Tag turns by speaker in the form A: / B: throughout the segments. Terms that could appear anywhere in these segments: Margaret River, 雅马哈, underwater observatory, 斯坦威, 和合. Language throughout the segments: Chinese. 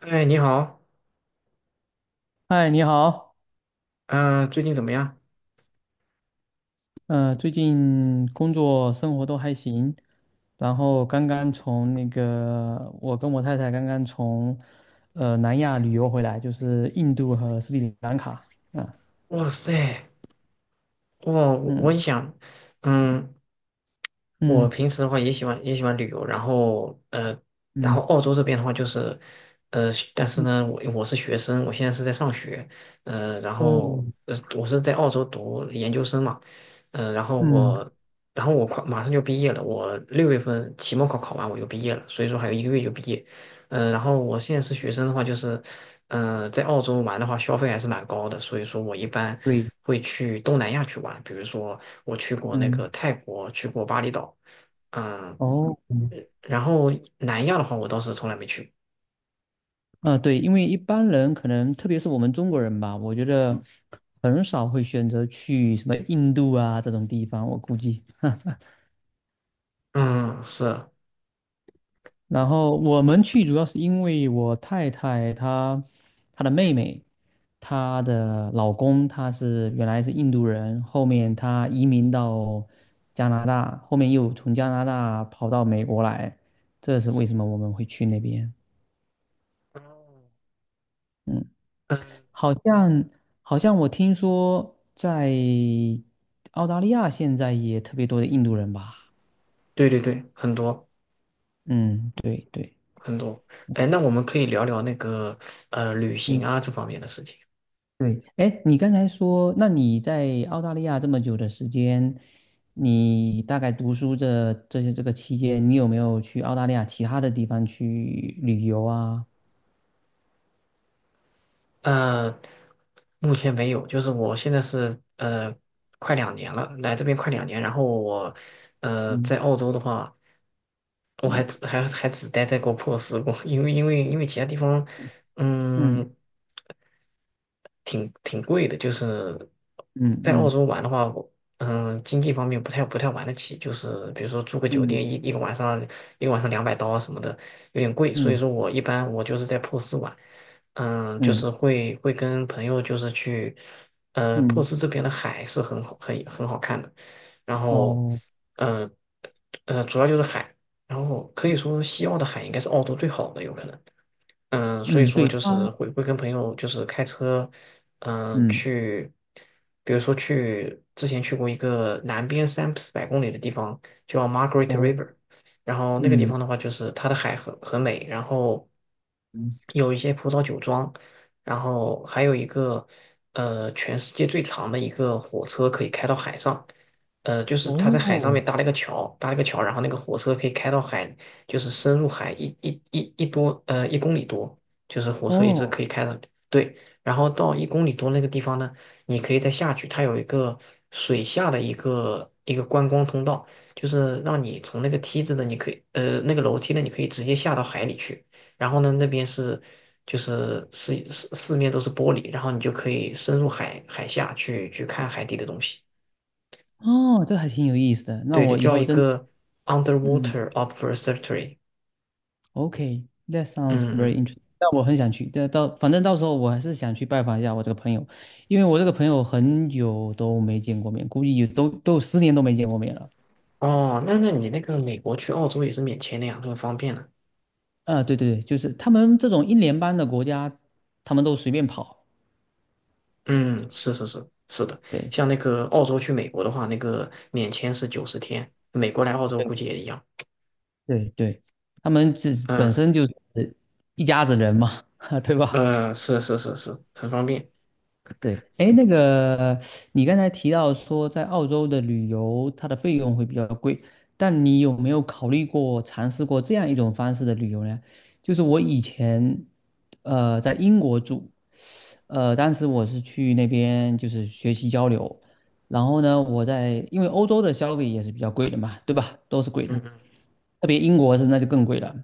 A: 哎，你好，
B: 嗨，你好。
A: 嗯、最近怎么样？
B: 最近工作生活都还行。然后刚刚从那个，我跟我太太刚刚从南亚旅游回来，就是印度和斯里兰卡。啊。
A: 哇塞，哇，我很
B: 嗯
A: 想，嗯，我
B: 嗯
A: 平时的话也喜欢旅游，然后然
B: 嗯
A: 后澳洲这边的话就是，但是
B: 嗯，
A: 呢，我是学生，我现在是在上学，呃，然
B: 哦，
A: 后呃，我是在澳洲读研究生嘛。然后
B: 嗯，
A: 我，然后我快马上就毕业了，我6月份期末考考完我就毕业了，所以说还有一个月就毕业。然后我现在是学生的话就是，在澳洲玩的话消费还是蛮高的，所以说我一般
B: 对，
A: 会去东南亚去玩，比如说。我去过那
B: 嗯，
A: 个泰国，去过巴厘岛，嗯，
B: 哦，嗯，
A: 然后南亚的话，我倒是从来没去
B: 啊，对。因为一般人可能，特别是我们中国人吧，我觉得很少会选择去什么印度啊这种地方，我估计。
A: 过。嗯，是。
B: 然后我们去主要是因为我太太她的妹妹，她的老公他原来是印度人，后面他移民到加拿大，后面又从加拿大跑到美国来，这是为什么我们会去那边。
A: 哦，
B: 嗯。
A: 嗯，
B: 好像好像我听说在澳大利亚现在也特别多的印度人吧？
A: 对对对，很多
B: 嗯，对对。
A: 很多。哎，那我们可以聊聊那个旅行
B: 嗯。
A: 啊这方面的事情。
B: 对。哎，你刚才说，那你在澳大利亚这么久的时间，你大概读书这个期间，你有没有去澳大利亚其他的地方去旅游啊？
A: 呃，目前没有，就是我现在是快两年了，来这边快两年，然后我
B: 嗯
A: 在澳洲的话。我还
B: 嗯
A: 只还还只待在过珀斯过，因为其他地方，
B: 嗯
A: 嗯，挺贵的，就是在澳
B: 嗯
A: 洲玩的话，我经济方面不太玩得起，就是比如说住个酒
B: 嗯
A: 店一个晚上200刀啊什么的，有点贵，所
B: 嗯
A: 以
B: 嗯
A: 说我一般我就是在珀斯玩。就
B: 嗯
A: 是会跟朋友就是去，珀
B: 嗯，
A: 斯这边的海是很好很好看的，然后，
B: 哦，
A: 呃主要就是海。然后可以
B: 嗯，
A: 说西澳的海应该是澳洲最好的，有可能。所以
B: 嗯
A: 说
B: 对
A: 就
B: 他，
A: 是会跟朋友就是开车，
B: 嗯
A: 去，比如说去之前去过一个南边三四百公里的地方叫 Margaret
B: 哦，
A: River，然后那个地
B: 嗯
A: 方的话就是它的海很美，然后
B: 嗯
A: 有一些葡萄酒庄，然后还有一个全世界最长的一个火车可以开到海上。就是他在海上面
B: 哦
A: 搭了一个桥，搭了一个桥，然后那个火车可以开到海，就是深入海一公里多，就是火车一直
B: 哦
A: 可以开到。对，然后到一公里多那个地方呢，你可以再下去，它有一个水下的一个观光通道，就是让你从那个梯子的你可以那个楼梯呢，你可以直接下到海里去，然后呢那边是就是四面都是玻璃，然后你就可以深入海下去看海底的东西，
B: 哦。这还挺有意思的。那
A: 对的，
B: 我以
A: 叫
B: 后
A: 一
B: 真，
A: 个
B: 嗯。
A: underwater observatory。
B: OK，that sounds
A: 嗯
B: very
A: 嗯。
B: interesting。但我很想去，但到反正到时候我还是想去拜访一下我这个朋友，因为我这个朋友很久都没见过面，估计有都有10年都没见过面了。
A: 哦，那你那个美国去澳洲也是免签的呀，这么方便呢。
B: 啊，对对对，就是他们这种一年邦的国家，他们都随便跑。
A: 嗯，是是是是的。
B: 对
A: 像那个澳洲去美国的话，那个免签是90天，美国来澳洲估计也
B: 对
A: 一样。
B: 对对，他们自本
A: 嗯，
B: 身就是一家子人嘛。对吧？
A: 是是是是，很方便。
B: 对。哎，那个你刚才提到说在澳洲的旅游，它的费用会比较贵，但你有没有考虑过尝试过这样一种方式的旅游呢？就是我以前在英国住。当时我是去那边就是学习交流。然后呢，因为欧洲的消费也是比较贵的嘛，对吧？都是贵
A: 嗯
B: 的，
A: 嗯
B: 特别英国是那就更贵了。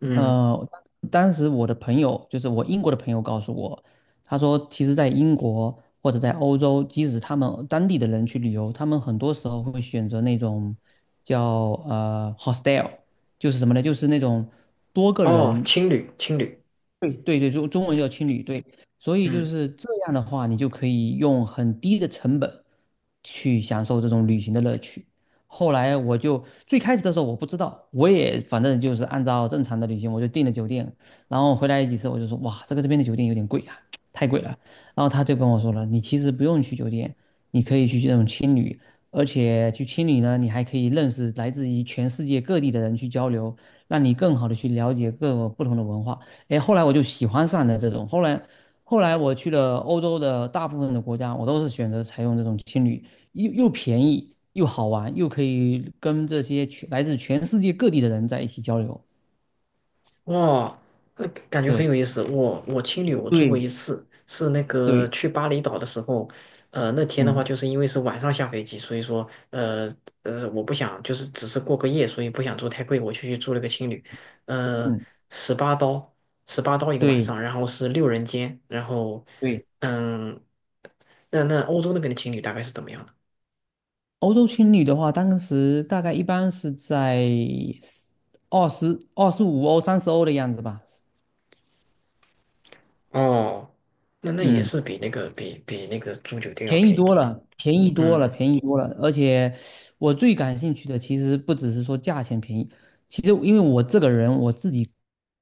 A: 嗯，
B: 呃，当时我的朋友，就是我英国的朋友告诉我，他说，其实，在英国或者在欧洲，即使他们当地的人去旅游，他们很多时候会选择那种叫hostel，就是什么呢？就是那种多个
A: 哦，
B: 人。
A: 青旅青旅，
B: 对对，中文叫青旅。对。所以就
A: 嗯。
B: 是这样的话，你就可以用很低的成本去享受这种旅行的乐趣。后来我就最开始的时候我不知道，我也反正就是按照正常的旅行，我就订了酒店，然后回来几次我就说哇，这个这边的酒店有点贵啊，太贵了。然后他就跟我说了，你其实不用去酒店，你可以去这种青旅，而且去青旅呢，你还可以认识来自于全世界各地的人去交流，让你更好的去了解各个不同的文化。哎，后来我就喜欢上了这种。后来我去了欧洲的大部分的国家，我都是选择采用这种青旅，又便宜，又好玩，又可以跟这些全来自全世界各地的人在一起交流。
A: 哇，感觉很
B: 对，
A: 有意思。我青旅我住过一
B: 对，
A: 次，是那个
B: 对，
A: 去巴厘岛的时候，那天的话
B: 嗯
A: 就是因为是晚上下飞机，所以说我不想就是只是过个夜，所以不想住太贵，我就去住了个青旅。呃，
B: 嗯，
A: 十八刀，十八刀一个晚
B: 对
A: 上，然后是6人间，然后
B: 对。
A: 嗯，那欧洲那边的青旅大概是怎么样的？
B: 欧洲青旅的话，当时大概一般是在25欧、30欧的样子吧。
A: 哦，那也
B: 嗯。
A: 是比那个比那个住酒店要
B: 便宜
A: 便宜
B: 多
A: 多了。
B: 了，便宜多了，
A: 嗯，
B: 便宜多了。而且我最感兴趣的其实不只是说价钱便宜，其实因为我这个人我自己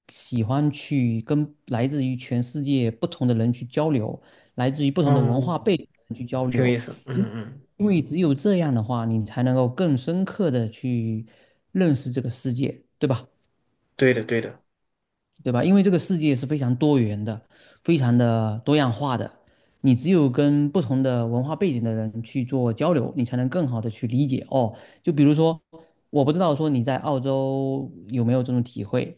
B: 喜欢去跟来自于全世界不同的人去交流，来自于不同的文
A: 哦。
B: 化背景的人去交
A: 挺有意
B: 流。
A: 思。
B: 因
A: 嗯嗯，
B: 因为只有这样的话，你才能够更深刻的去认识这个世界，对吧？
A: 对的对的，
B: 对吧？因为这个世界是非常多元的，非常的多样化的。你只有跟不同的文化背景的人去做交流，你才能更好的去理解哦。就比如说，我不知道说你在澳洲有没有这种体会。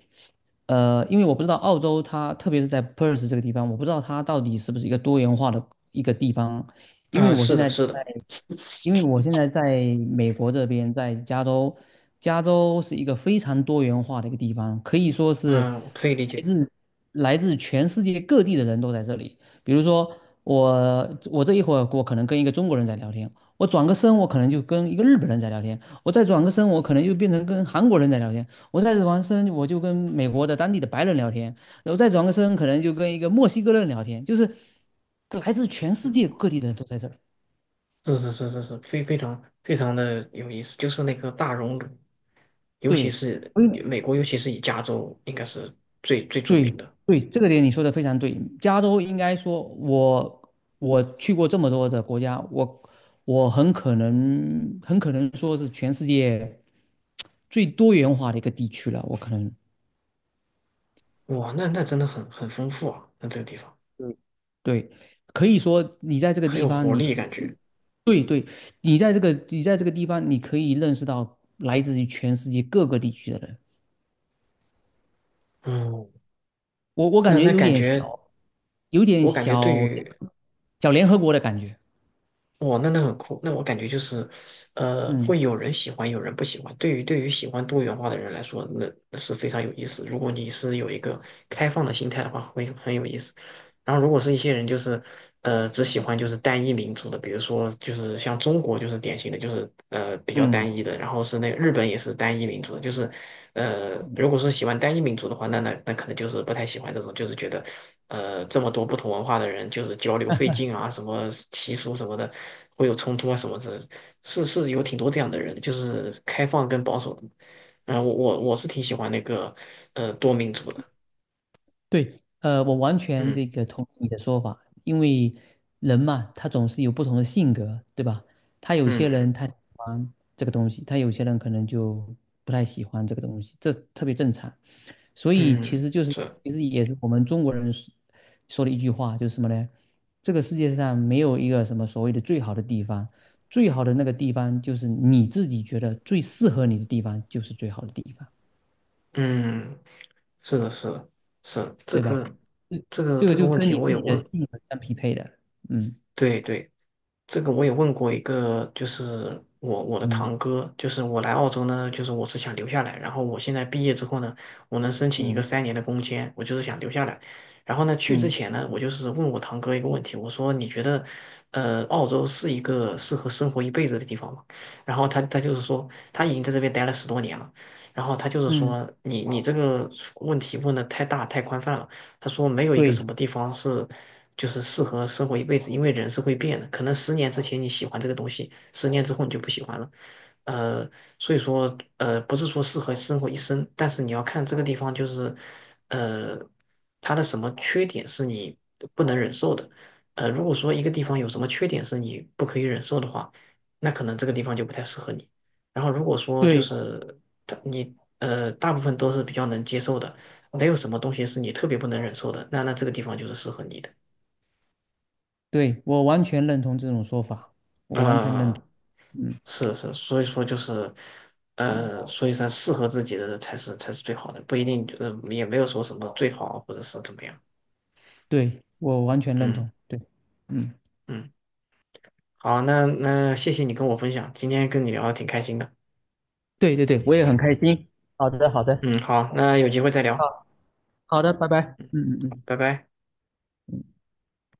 B: 呃，因为我不知道澳洲它，特别是在 Perth 这个地方，我不知道它到底是不是一个多元化的一个地方，因为
A: 啊、
B: 我现
A: 是的
B: 在
A: 是
B: 在，
A: 的，
B: 因为我现在在美国这边，在加州。加州是一个非常多元化的一个地方，可以说是
A: 嗯、我可以理
B: 来
A: 解。
B: 自来自全世界各地的人都在这里。比如说我，我这一会儿我可能跟一个中国人在聊天，我转个身我可能就跟一个日本人在聊天，我再转个身我可能就变成跟韩国人在聊天，我再转个身我就跟美国的当地的白人聊天。然后再转个身，可能就跟一个墨西哥人聊天，就是来自全世界各地的人都在这儿。
A: 嗯，是是是是是，非常非常的有意思，就是那个大熔炉，尤其
B: 对
A: 是美国，尤其是以加州应该是最最著
B: 对
A: 名的。
B: 对，这个点你说的非常对。加州应该说我去过这么多的国家，我很可能说是全世界最多元化的一个地区了。我可能
A: 哇，那真的很丰富啊，那这个地方
B: 对。可以说你在这个
A: 很
B: 地
A: 有
B: 方
A: 活
B: 你，
A: 力感觉。
B: 对对，你在这个地方，你可以认识到来自于全世界各个地区的人。
A: 嗯，
B: 我感
A: 那
B: 觉
A: 那感觉，
B: 有点
A: 我感觉对
B: 小
A: 于，
B: 小联合国的感觉。
A: 哇，那很酷。那我感觉就是，
B: 嗯
A: 会有人喜欢，有人不喜欢。对于喜欢多元化的人来说，那是非常有意思。如果你是有一个开放的心态的话，会很有意思。然后，如果是一些人就是只喜欢就是单一民族的，比如说就是像中国就是典型的，就是比较
B: 嗯
A: 单一的，然后是那个日本也是单一民族的，就是如果说喜欢单一民族的话，那可能就是不太喜欢这种，就是觉得这么多不同文化的人就是交流费劲啊，什么习俗什么的会有冲突啊什么的，是有挺多这样的人，就是开放跟保守的。然后我是挺喜欢那个多民族的。
B: 对。我完全
A: 嗯
B: 这个同意你的说法，因为人嘛，他总是有不同的性格，对吧？他有些人
A: 嗯
B: 他喜欢这个东西，他有些人可能就不太喜欢这个东西，这特别正常。所以其
A: 嗯，
B: 实就是，其实也是我们中国人说的一句话，就是什么呢？这个世界上没有一个什么所谓的最好的地方，最好的那个地方就是你自己觉得最适合你的地方，就是最好的地方。
A: 嗯。是的，是的，是的，这
B: 对吧？
A: 个
B: 这
A: 这个
B: 这个
A: 这个
B: 就
A: 问
B: 跟
A: 题
B: 你
A: 我
B: 自
A: 也
B: 己的
A: 问，
B: 性格相匹配的。嗯
A: 对对，这个我也问过一个，就是我的
B: 嗯
A: 堂哥，就是我来澳洲呢，就是我是想留下来，然后我现在毕业之后呢，我能申请一个
B: 嗯
A: 3年的工签，我就是想留下来。然后呢，去之
B: 嗯
A: 前呢，我就是问我堂哥一个问题，我说你觉得，澳洲是一个适合生活一辈子的地方吗？然后他就是说他已经在这边待了10多年了，然后他就是
B: 嗯，
A: 说你这个问题问的太大太宽泛了，他说没有一个什
B: 对
A: 么地方是。就是适合生活一辈子，因为人是会变的，可能十年之前你喜欢这个东西，十年之后你就不喜欢了，呃，所以说不是说适合生活一生，但是你要看这个地方就是，呃，它的什么缺点是你不能忍受的，如果说一个地方有什么缺点是你不可以忍受的话，那可能这个地方就不太适合你。然后如果说就
B: 对
A: 是它你大部分都是比较能接受的，没有什么东西是你特别不能忍受的，那这个地方就是适合你的。
B: 对。我完全认同这种说法，我完全认同。
A: 嗯，
B: 嗯，
A: 是是，所以说就是，所以说适合自己的才是最好的，不一定，就是也没有说什么最好或者是怎么样。
B: 对，我完全认同，
A: 嗯
B: 对。嗯，
A: 嗯，好，那谢谢你跟我分享，今天跟你聊的挺开心的。
B: 对对对，我也很开心。好的好的，
A: 嗯，好，那有机会再聊。
B: 好。好的，拜拜。
A: 嗯，
B: 嗯
A: 好
B: 嗯
A: 拜拜。
B: 嗯。